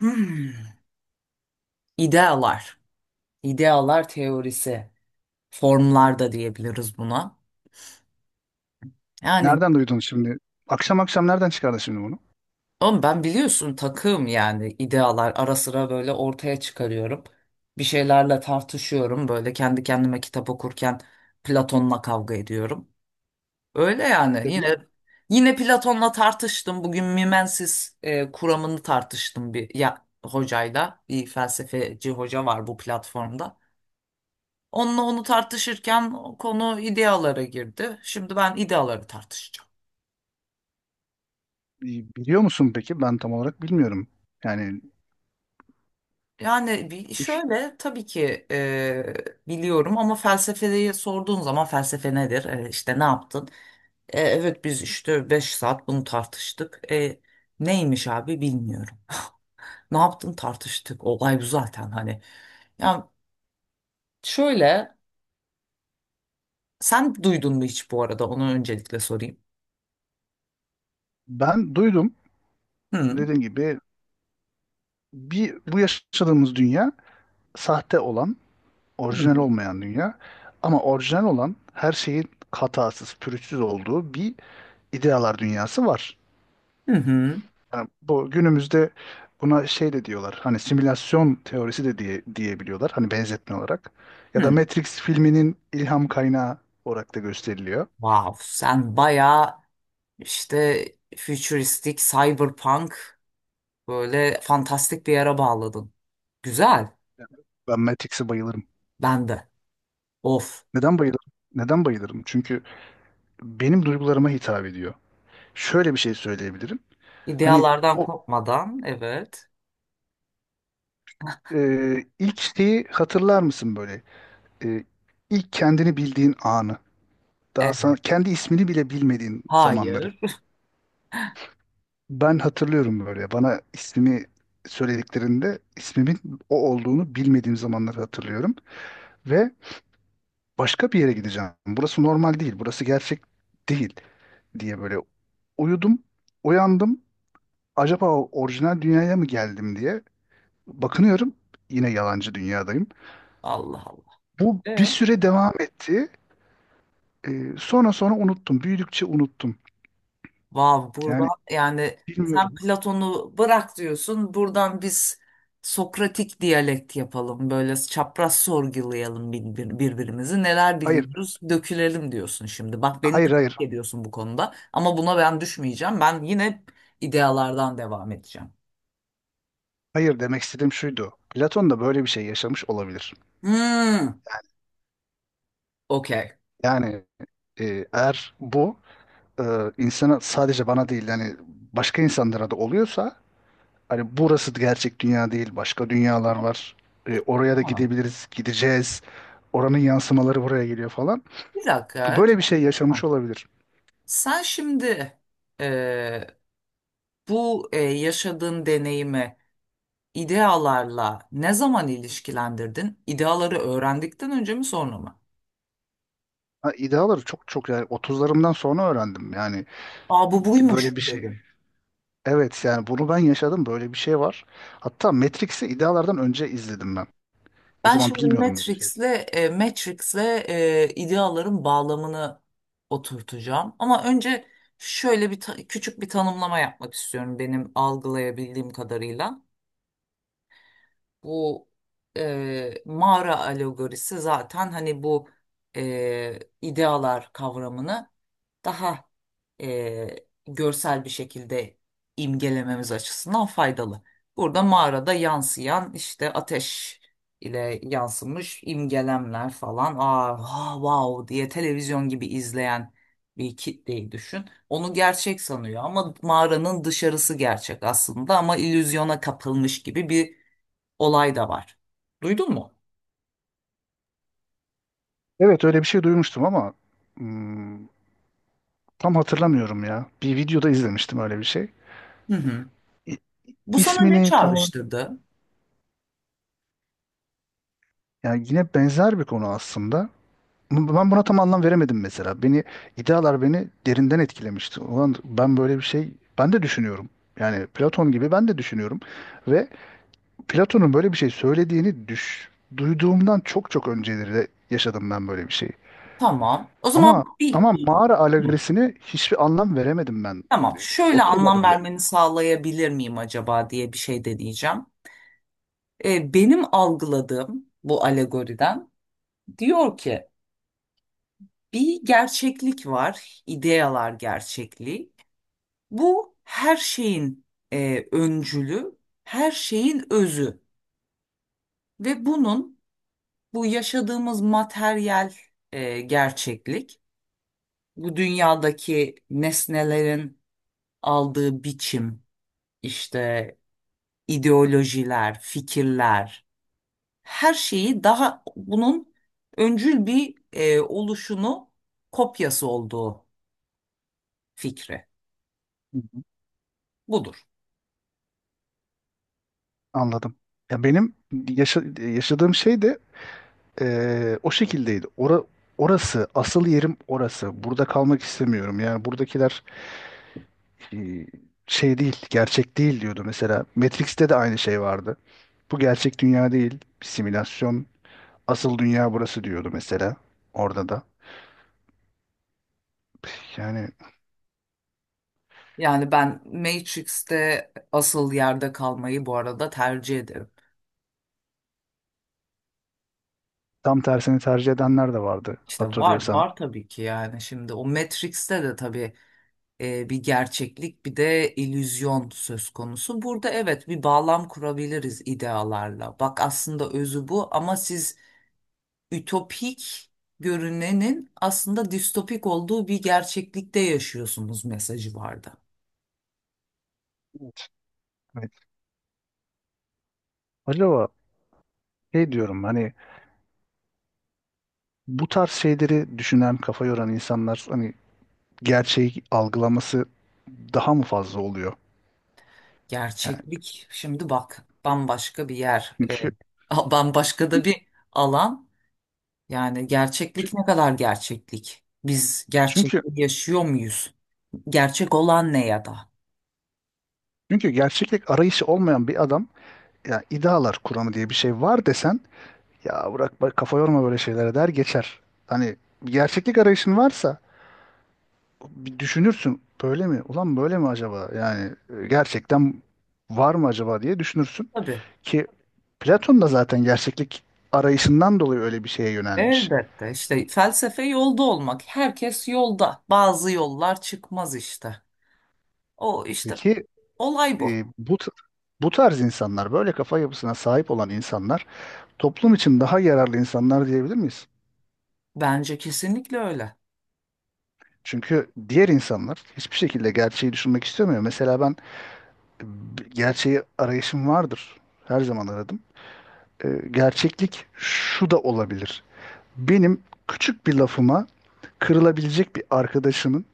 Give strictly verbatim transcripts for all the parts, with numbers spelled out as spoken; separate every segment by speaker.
Speaker 1: Hmm. İdealar. İdealar teorisi. Formlar da diyebiliriz buna. Yani
Speaker 2: Nereden duydun şimdi? Akşam akşam nereden çıkardın şimdi bunu?
Speaker 1: oğlum, ben biliyorsun takığım, yani idealar ara sıra böyle ortaya çıkarıyorum. Bir şeylerle tartışıyorum. Böyle kendi kendime kitap okurken Platon'la kavga ediyorum. Öyle
Speaker 2: E,
Speaker 1: yani,
Speaker 2: bi-
Speaker 1: yine yine Platon'la tartıştım. Bugün Mimensis e, kuramını tartıştım bir ya, hocayla. Bir felsefeci hoca var bu platformda. Onunla onu tartışırken konu idealara girdi. Şimdi ben ideaları tartışacağım.
Speaker 2: bi- Biliyor musun peki? Ben tam olarak bilmiyorum. Yani
Speaker 1: Yani bir-
Speaker 2: üç,
Speaker 1: şöyle, tabii ki e, biliyorum ama felsefeyi sorduğun zaman felsefe nedir? E, işte ne yaptın? E, evet, biz işte beş saat bunu tartıştık. E, neymiş abi, bilmiyorum. Ne yaptın, tartıştık. Olay bu zaten, hani. Ya şöyle, sen duydun mu hiç bu arada? Onu öncelikle sorayım.
Speaker 2: Ben duydum.
Speaker 1: Hı
Speaker 2: Dediğim gibi, bir bu yaşadığımız dünya sahte olan, orijinal
Speaker 1: hı.
Speaker 2: olmayan dünya. Ama orijinal olan her şeyin hatasız, pürüzsüz olduğu bir idealar dünyası var.
Speaker 1: Hı hı.
Speaker 2: Yani bu günümüzde buna şey de diyorlar. Hani simülasyon teorisi de diye diyebiliyorlar. Hani benzetme olarak. Ya da
Speaker 1: Hı.
Speaker 2: Matrix filminin ilham kaynağı olarak da gösteriliyor.
Speaker 1: Wow, sen bayağı İşte futuristik, cyberpunk, böyle fantastik bir yere bağladın. Güzel.
Speaker 2: Ben Matrix'e bayılırım.
Speaker 1: Ben de. Of.
Speaker 2: Neden bayılırım? Neden bayılırım? Çünkü benim duygularıma hitap ediyor. Şöyle bir şey söyleyebilirim. Hani
Speaker 1: İdealardan
Speaker 2: o
Speaker 1: kopmadan, evet.
Speaker 2: e, ilk şeyi hatırlar mısın böyle? E, ilk kendini bildiğin anı. Daha
Speaker 1: E,
Speaker 2: sana, kendi ismini bile bilmediğin zamanları.
Speaker 1: hayır.
Speaker 2: Ben hatırlıyorum böyle. Bana ismimi söylediklerinde ismimin o olduğunu bilmediğim zamanları hatırlıyorum. Ve başka bir yere gideceğim. Burası normal değil, burası gerçek değil diye böyle uyudum, uyandım. Acaba orijinal dünyaya mı geldim diye bakınıyorum. Yine yalancı dünyadayım.
Speaker 1: Allah Allah.
Speaker 2: Bu bir
Speaker 1: E?
Speaker 2: süre devam etti. Ee, sonra sonra unuttum. Büyüdükçe unuttum.
Speaker 1: Vav, burada
Speaker 2: Yani
Speaker 1: yani sen
Speaker 2: bilmiyorum.
Speaker 1: Platon'u bırak diyorsun. Buradan biz Sokratik diyalekt yapalım. Böyle çapraz sorgulayalım bir- birbirimizi. Neler
Speaker 2: Hayır,
Speaker 1: biliyoruz dökülelim diyorsun şimdi. Bak, beni
Speaker 2: hayır, hayır.
Speaker 1: takip ediyorsun bu konuda. Ama buna ben düşmeyeceğim. Ben yine idealardan devam edeceğim.
Speaker 2: Hayır, demek istediğim şuydu. Platon da böyle bir şey yaşamış olabilir.
Speaker 1: Hmm, okey.
Speaker 2: Yani e, eğer bu e, insana, sadece bana değil, yani başka insanlara da oluyorsa, hani burası gerçek dünya değil, başka dünyalar
Speaker 1: Ama
Speaker 2: var. E,
Speaker 1: Bir,
Speaker 2: oraya da
Speaker 1: ha,
Speaker 2: gidebiliriz, gideceğiz. Oranın yansımaları buraya geliyor falan.
Speaker 1: bir dakika.
Speaker 2: Böyle bir şey yaşamış
Speaker 1: Ha,
Speaker 2: olabilir.
Speaker 1: sen şimdi e, bu e, yaşadığın deneyimi İdealarla ne zaman ilişkilendirdin? İdeaları öğrendikten önce mi, sonra mı?
Speaker 2: Ha, ideaları çok çok yani otuzlarımdan sonra öğrendim. Yani
Speaker 1: Aa, bu
Speaker 2: böyle
Speaker 1: buymuş
Speaker 2: bir şey.
Speaker 1: dedin.
Speaker 2: Evet, yani bunu ben yaşadım. Böyle bir şey var. Hatta Matrix'i idealardan önce izledim ben. O
Speaker 1: Ben
Speaker 2: zaman
Speaker 1: şimdi
Speaker 2: bilmiyordum böyle şey.
Speaker 1: Matrix'le e, Matrix'le e, ideaların bağlamını oturtacağım. Ama önce şöyle bir ta- küçük bir tanımlama yapmak istiyorum, benim algılayabildiğim kadarıyla. Bu e, mağara alegorisi zaten hani bu e, idealar kavramını daha e, görsel bir şekilde imgelememiz açısından faydalı. Burada mağarada yansıyan işte ateş ile yansımış imgelemler falan. "Aa, ha, wow" diye televizyon gibi izleyen bir kitleyi düşün. Onu gerçek sanıyor ama mağaranın dışarısı gerçek aslında, ama illüzyona kapılmış gibi bir olay da var. Duydun mu?
Speaker 2: Evet, öyle bir şey duymuştum ama hmm, tam hatırlamıyorum ya. Bir videoda izlemiştim öyle bir şey.
Speaker 1: Hı hı.
Speaker 2: İ-
Speaker 1: Bu sana ne
Speaker 2: İsmini tam olarak,
Speaker 1: çağrıştırdı?
Speaker 2: yani yine benzer bir konu aslında. Bu- Ben buna tam anlam veremedim mesela. Beni idealar beni derinden etkilemişti. Ulan ben böyle bir şey, ben de düşünüyorum. Yani Platon gibi ben de düşünüyorum ve Platon'un böyle bir şey söylediğini düş duyduğumdan çok çok önceleri de yaşadım ben böyle bir şeyi.
Speaker 1: Tamam. O zaman
Speaker 2: Ama
Speaker 1: bir...
Speaker 2: ama mağara
Speaker 1: Hı.
Speaker 2: alegorisini hiçbir anlam veremedim ben.
Speaker 1: Tamam, şöyle
Speaker 2: Oturmadı
Speaker 1: anlam
Speaker 2: bile.
Speaker 1: vermeni sağlayabilir miyim acaba diye bir şey deneyeceğim. Ee, benim algıladığım bu alegoriden, diyor ki bir gerçeklik var, ideyalar gerçekliği. Bu her şeyin e, öncülü, her şeyin özü ve bunun, bu yaşadığımız materyal e, gerçeklik, bu dünyadaki nesnelerin aldığı biçim, işte ideolojiler, fikirler, her şeyi daha bunun öncül bir e, oluşunu, kopyası olduğu fikri. Budur.
Speaker 2: Anladım. Ya benim yaşa- yaşadığım şey de eee, o şekildeydi. Ora, orası, asıl yerim orası. Burada kalmak istemiyorum. Yani buradakiler eee, şey değil, gerçek değil diyordu mesela. Matrix'te de aynı şey vardı. Bu gerçek dünya değil, bir simülasyon. Asıl dünya burası diyordu mesela. Orada da. Yani
Speaker 1: Yani ben Matrix'te asıl yerde kalmayı bu arada tercih ederim.
Speaker 2: tam tersini tercih edenler de vardı
Speaker 1: İşte var
Speaker 2: hatırlıyorsan.
Speaker 1: var, tabii ki. Yani şimdi o Matrix'te de tabii e, bir gerçeklik bir de illüzyon söz konusu. Burada evet, bir bağlam kurabiliriz idealarla. Bak, aslında özü bu ama siz ütopik görünenin aslında distopik olduğu bir gerçeklikte yaşıyorsunuz mesajı vardı.
Speaker 2: Evet. Evet. Acaba şey diyorum, hani bu tarz şeyleri düşünen, kafa yoran insanlar, hani gerçeği algılaması daha mı fazla oluyor? Yani
Speaker 1: Gerçeklik şimdi bak, bambaşka bir yer, e,
Speaker 2: çünkü
Speaker 1: a- bambaşka da bir alan. Yani gerçeklik ne kadar gerçeklik? Biz
Speaker 2: çünkü
Speaker 1: gerçekliği yaşıyor muyuz? Gerçek olan ne ya da?
Speaker 2: çünkü gerçeklik arayışı olmayan bir adam, ya idealar kuramı diye bir şey var desen, ya bırak bak kafa yorma böyle şeylere der geçer. Hani gerçeklik arayışın varsa bir düşünürsün böyle mi? Ulan böyle mi acaba? Yani e, gerçekten var mı acaba diye düşünürsün
Speaker 1: Tabii.
Speaker 2: ki Platon da zaten gerçeklik arayışından dolayı öyle bir şeye yönelmiş.
Speaker 1: Elbette, işte felsefe yolda olmak. Herkes yolda. Bazı yollar çıkmaz işte. O işte,
Speaker 2: Peki
Speaker 1: olay bu.
Speaker 2: e, bu t- bu tarz insanlar, böyle kafa yapısına sahip olan insanlar, toplum için daha yararlı insanlar diyebilir miyiz?
Speaker 1: Bence kesinlikle öyle.
Speaker 2: Çünkü diğer insanlar hiçbir şekilde gerçeği düşünmek istemiyor. Mesela ben, e, b- gerçeği arayışım vardır. Her zaman aradım. E, gerçeklik şu da olabilir. Benim küçük bir lafıma kırılabilecek bir arkadaşımın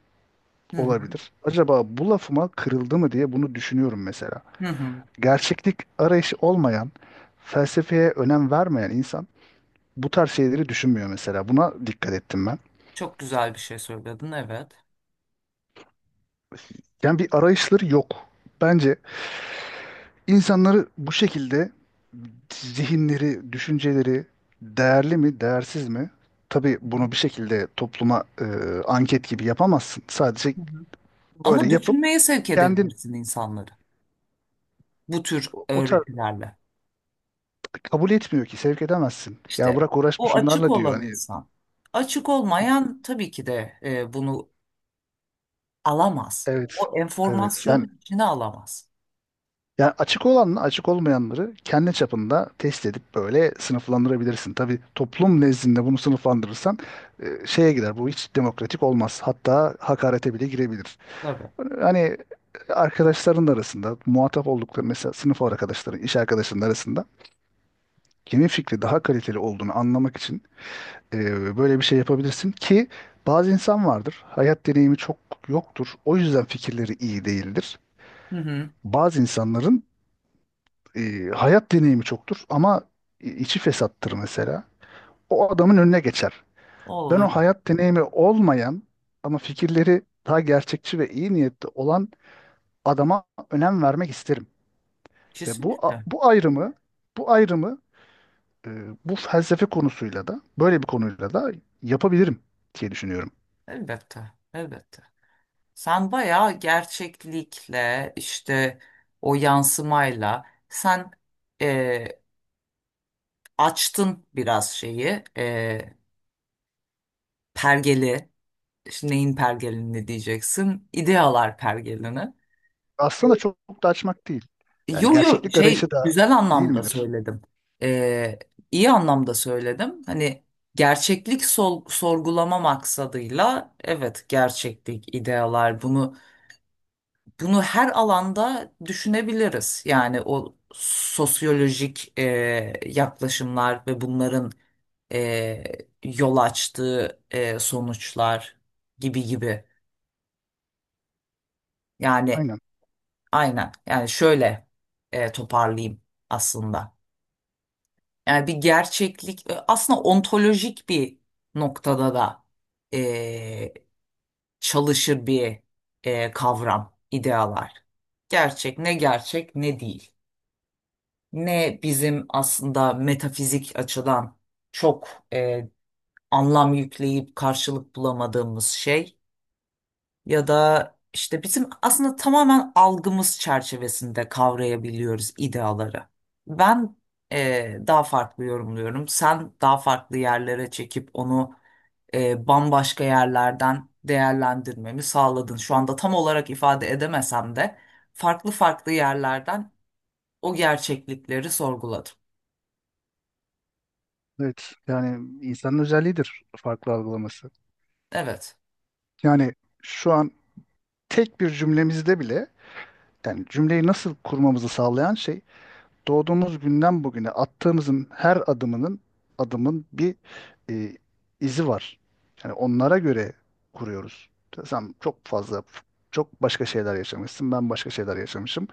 Speaker 1: Hı hı.
Speaker 2: olabilir. Acaba bu lafıma kırıldı mı diye bunu düşünüyorum mesela.
Speaker 1: Hı hı.
Speaker 2: Gerçeklik arayışı olmayan, felsefeye önem vermeyen insan bu tarz şeyleri düşünmüyor mesela. Buna dikkat ettim ben.
Speaker 1: Çok güzel bir şey söyledin, evet.
Speaker 2: Yani bir arayışları yok. Bence insanları bu şekilde, zihinleri, düşünceleri değerli mi, değersiz mi? Tabii bunu bir şekilde topluma e, anket gibi yapamazsın. Sadece
Speaker 1: Hı hı.
Speaker 2: böyle
Speaker 1: Ama
Speaker 2: yapıp
Speaker 1: düşünmeye sevk
Speaker 2: kendin
Speaker 1: edebilirsin insanları. Bu tür
Speaker 2: o o tarz
Speaker 1: öğretilerle.
Speaker 2: kabul etmiyor ki sevk edemezsin. Ya
Speaker 1: İşte,
Speaker 2: bırak uğraşma
Speaker 1: o açık
Speaker 2: şunlarla diyor.
Speaker 1: olan
Speaker 2: Hani
Speaker 1: insan. Açık olmayan tabii ki de e, bunu alamaz.
Speaker 2: evet.
Speaker 1: O
Speaker 2: Evet. Yani
Speaker 1: enformasyonu içine alamaz.
Speaker 2: Yani açık olanla açık olmayanları kendi çapında test edip böyle sınıflandırabilirsin. Tabii toplum nezdinde bunu sınıflandırırsan e, şeye gider. Bu hiç demokratik olmaz. Hatta hakarete bile girebilir.
Speaker 1: Tabii.
Speaker 2: Hani arkadaşların arasında muhatap oldukları, mesela sınıf arkadaşların, iş arkadaşların arasında kimin fikri daha kaliteli olduğunu anlamak için e, böyle bir şey yapabilirsin ki bazı insan vardır. Hayat deneyimi çok yoktur. O yüzden fikirleri iyi değildir.
Speaker 1: Hı hı.
Speaker 2: Bazı insanların e, hayat deneyimi çoktur ama i- içi fesattır mesela. O adamın önüne geçer.
Speaker 1: O
Speaker 2: Ben o
Speaker 1: öyle.
Speaker 2: hayat deneyimi olmayan ama fikirleri daha gerçekçi ve iyi niyetli olan adama önem vermek isterim. Ve bu a-
Speaker 1: Kesinlikle.
Speaker 2: bu ayrımı, bu ayrımı e, bu felsefe konusuyla da, böyle bir konuyla da, yapabilirim diye düşünüyorum.
Speaker 1: Elbette, elbette. Sen bayağı gerçeklikle, işte o yansımayla sen e, açtın biraz şeyi, e, pergeli. İşte neyin pergelini diyeceksin, idealar pergelini.
Speaker 2: Aslında çok, çok da açmak değil. Yani
Speaker 1: Yo yo,
Speaker 2: gerçeklik arayışı
Speaker 1: şey,
Speaker 2: da
Speaker 1: güzel
Speaker 2: değil
Speaker 1: anlamda
Speaker 2: midir?
Speaker 1: söyledim. E, iyi anlamda söyledim. Hani gerçeklik sol- sorgulama maksadıyla, evet, gerçeklik idealar bunu. Bunu her alanda düşünebiliriz. Yani o sosyolojik e, yaklaşımlar ve bunların e, yol açtığı e, sonuçlar gibi gibi. Yani
Speaker 2: Aynen.
Speaker 1: aynen. Yani şöyle e, toparlayayım aslında. Yani bir gerçeklik e, aslında ontolojik bir noktada da e, çalışır bir e, kavram, idealar. Gerçek ne, gerçek ne değil. Ne bizim aslında metafizik açıdan çok e, anlam yükleyip karşılık bulamadığımız şey, ya da işte bizim aslında tamamen algımız çerçevesinde kavrayabiliyoruz ideaları. Ben e, daha farklı yorumluyorum. Sen daha farklı yerlere çekip onu e, bambaşka yerlerden değerlendirmemi sağladın. Şu anda tam olarak ifade edemesem de farklı farklı yerlerden o gerçeklikleri sorguladım.
Speaker 2: Evet. Yani insanın özelliğidir farklı algılaması.
Speaker 1: Evet.
Speaker 2: Yani şu an tek bir cümlemizde bile, yani cümleyi nasıl kurmamızı sağlayan şey, doğduğumuz günden bugüne attığımızın her adımının adımın bir e, izi var. Yani onlara göre kuruyoruz. Sen çok fazla Çok başka şeyler yaşamışsın, ben başka şeyler yaşamışım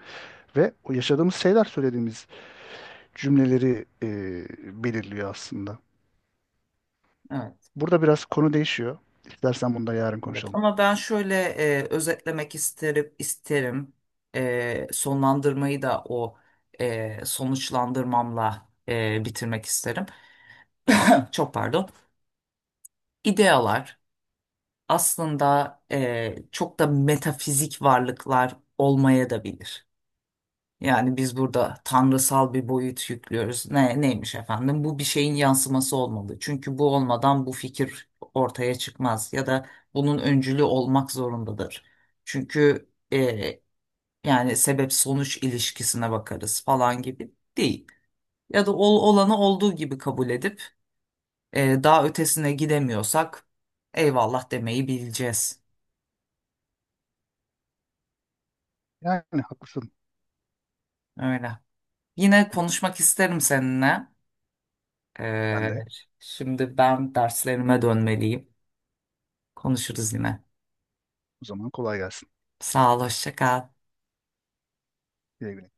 Speaker 2: ve o yaşadığımız şeyler söylediğimiz cümleleri e, belirliyor aslında.
Speaker 1: Evet,
Speaker 2: Burada biraz konu değişiyor. İstersen bunu da yarın
Speaker 1: evet.
Speaker 2: konuşalım.
Speaker 1: Ama ben şöyle e, özetlemek isterim, isterim. E, sonlandırmayı da o e, sonuçlandırmamla e, bitirmek isterim. Çok pardon. İdealar aslında e, çok da metafizik varlıklar olmaya da bilir. Yani biz burada tanrısal bir boyut yüklüyoruz. Ne, neymiş efendim? Bu bir şeyin yansıması olmalı. Çünkü bu olmadan bu fikir ortaya çıkmaz ya da bunun öncülü olmak zorundadır. Çünkü e, yani sebep sonuç ilişkisine bakarız falan gibi değil. Ya da ol, olanı olduğu gibi kabul edip e, daha ötesine gidemiyorsak eyvallah demeyi bileceğiz.
Speaker 2: Yani haklısın.
Speaker 1: Öyle. Yine konuşmak isterim seninle.
Speaker 2: Ben
Speaker 1: Ee,
Speaker 2: de.
Speaker 1: şimdi ben derslerime dönmeliyim. Konuşuruz yine.
Speaker 2: O zaman kolay gelsin.
Speaker 1: Sağ ol, hoşça kal.
Speaker 2: Güle güle.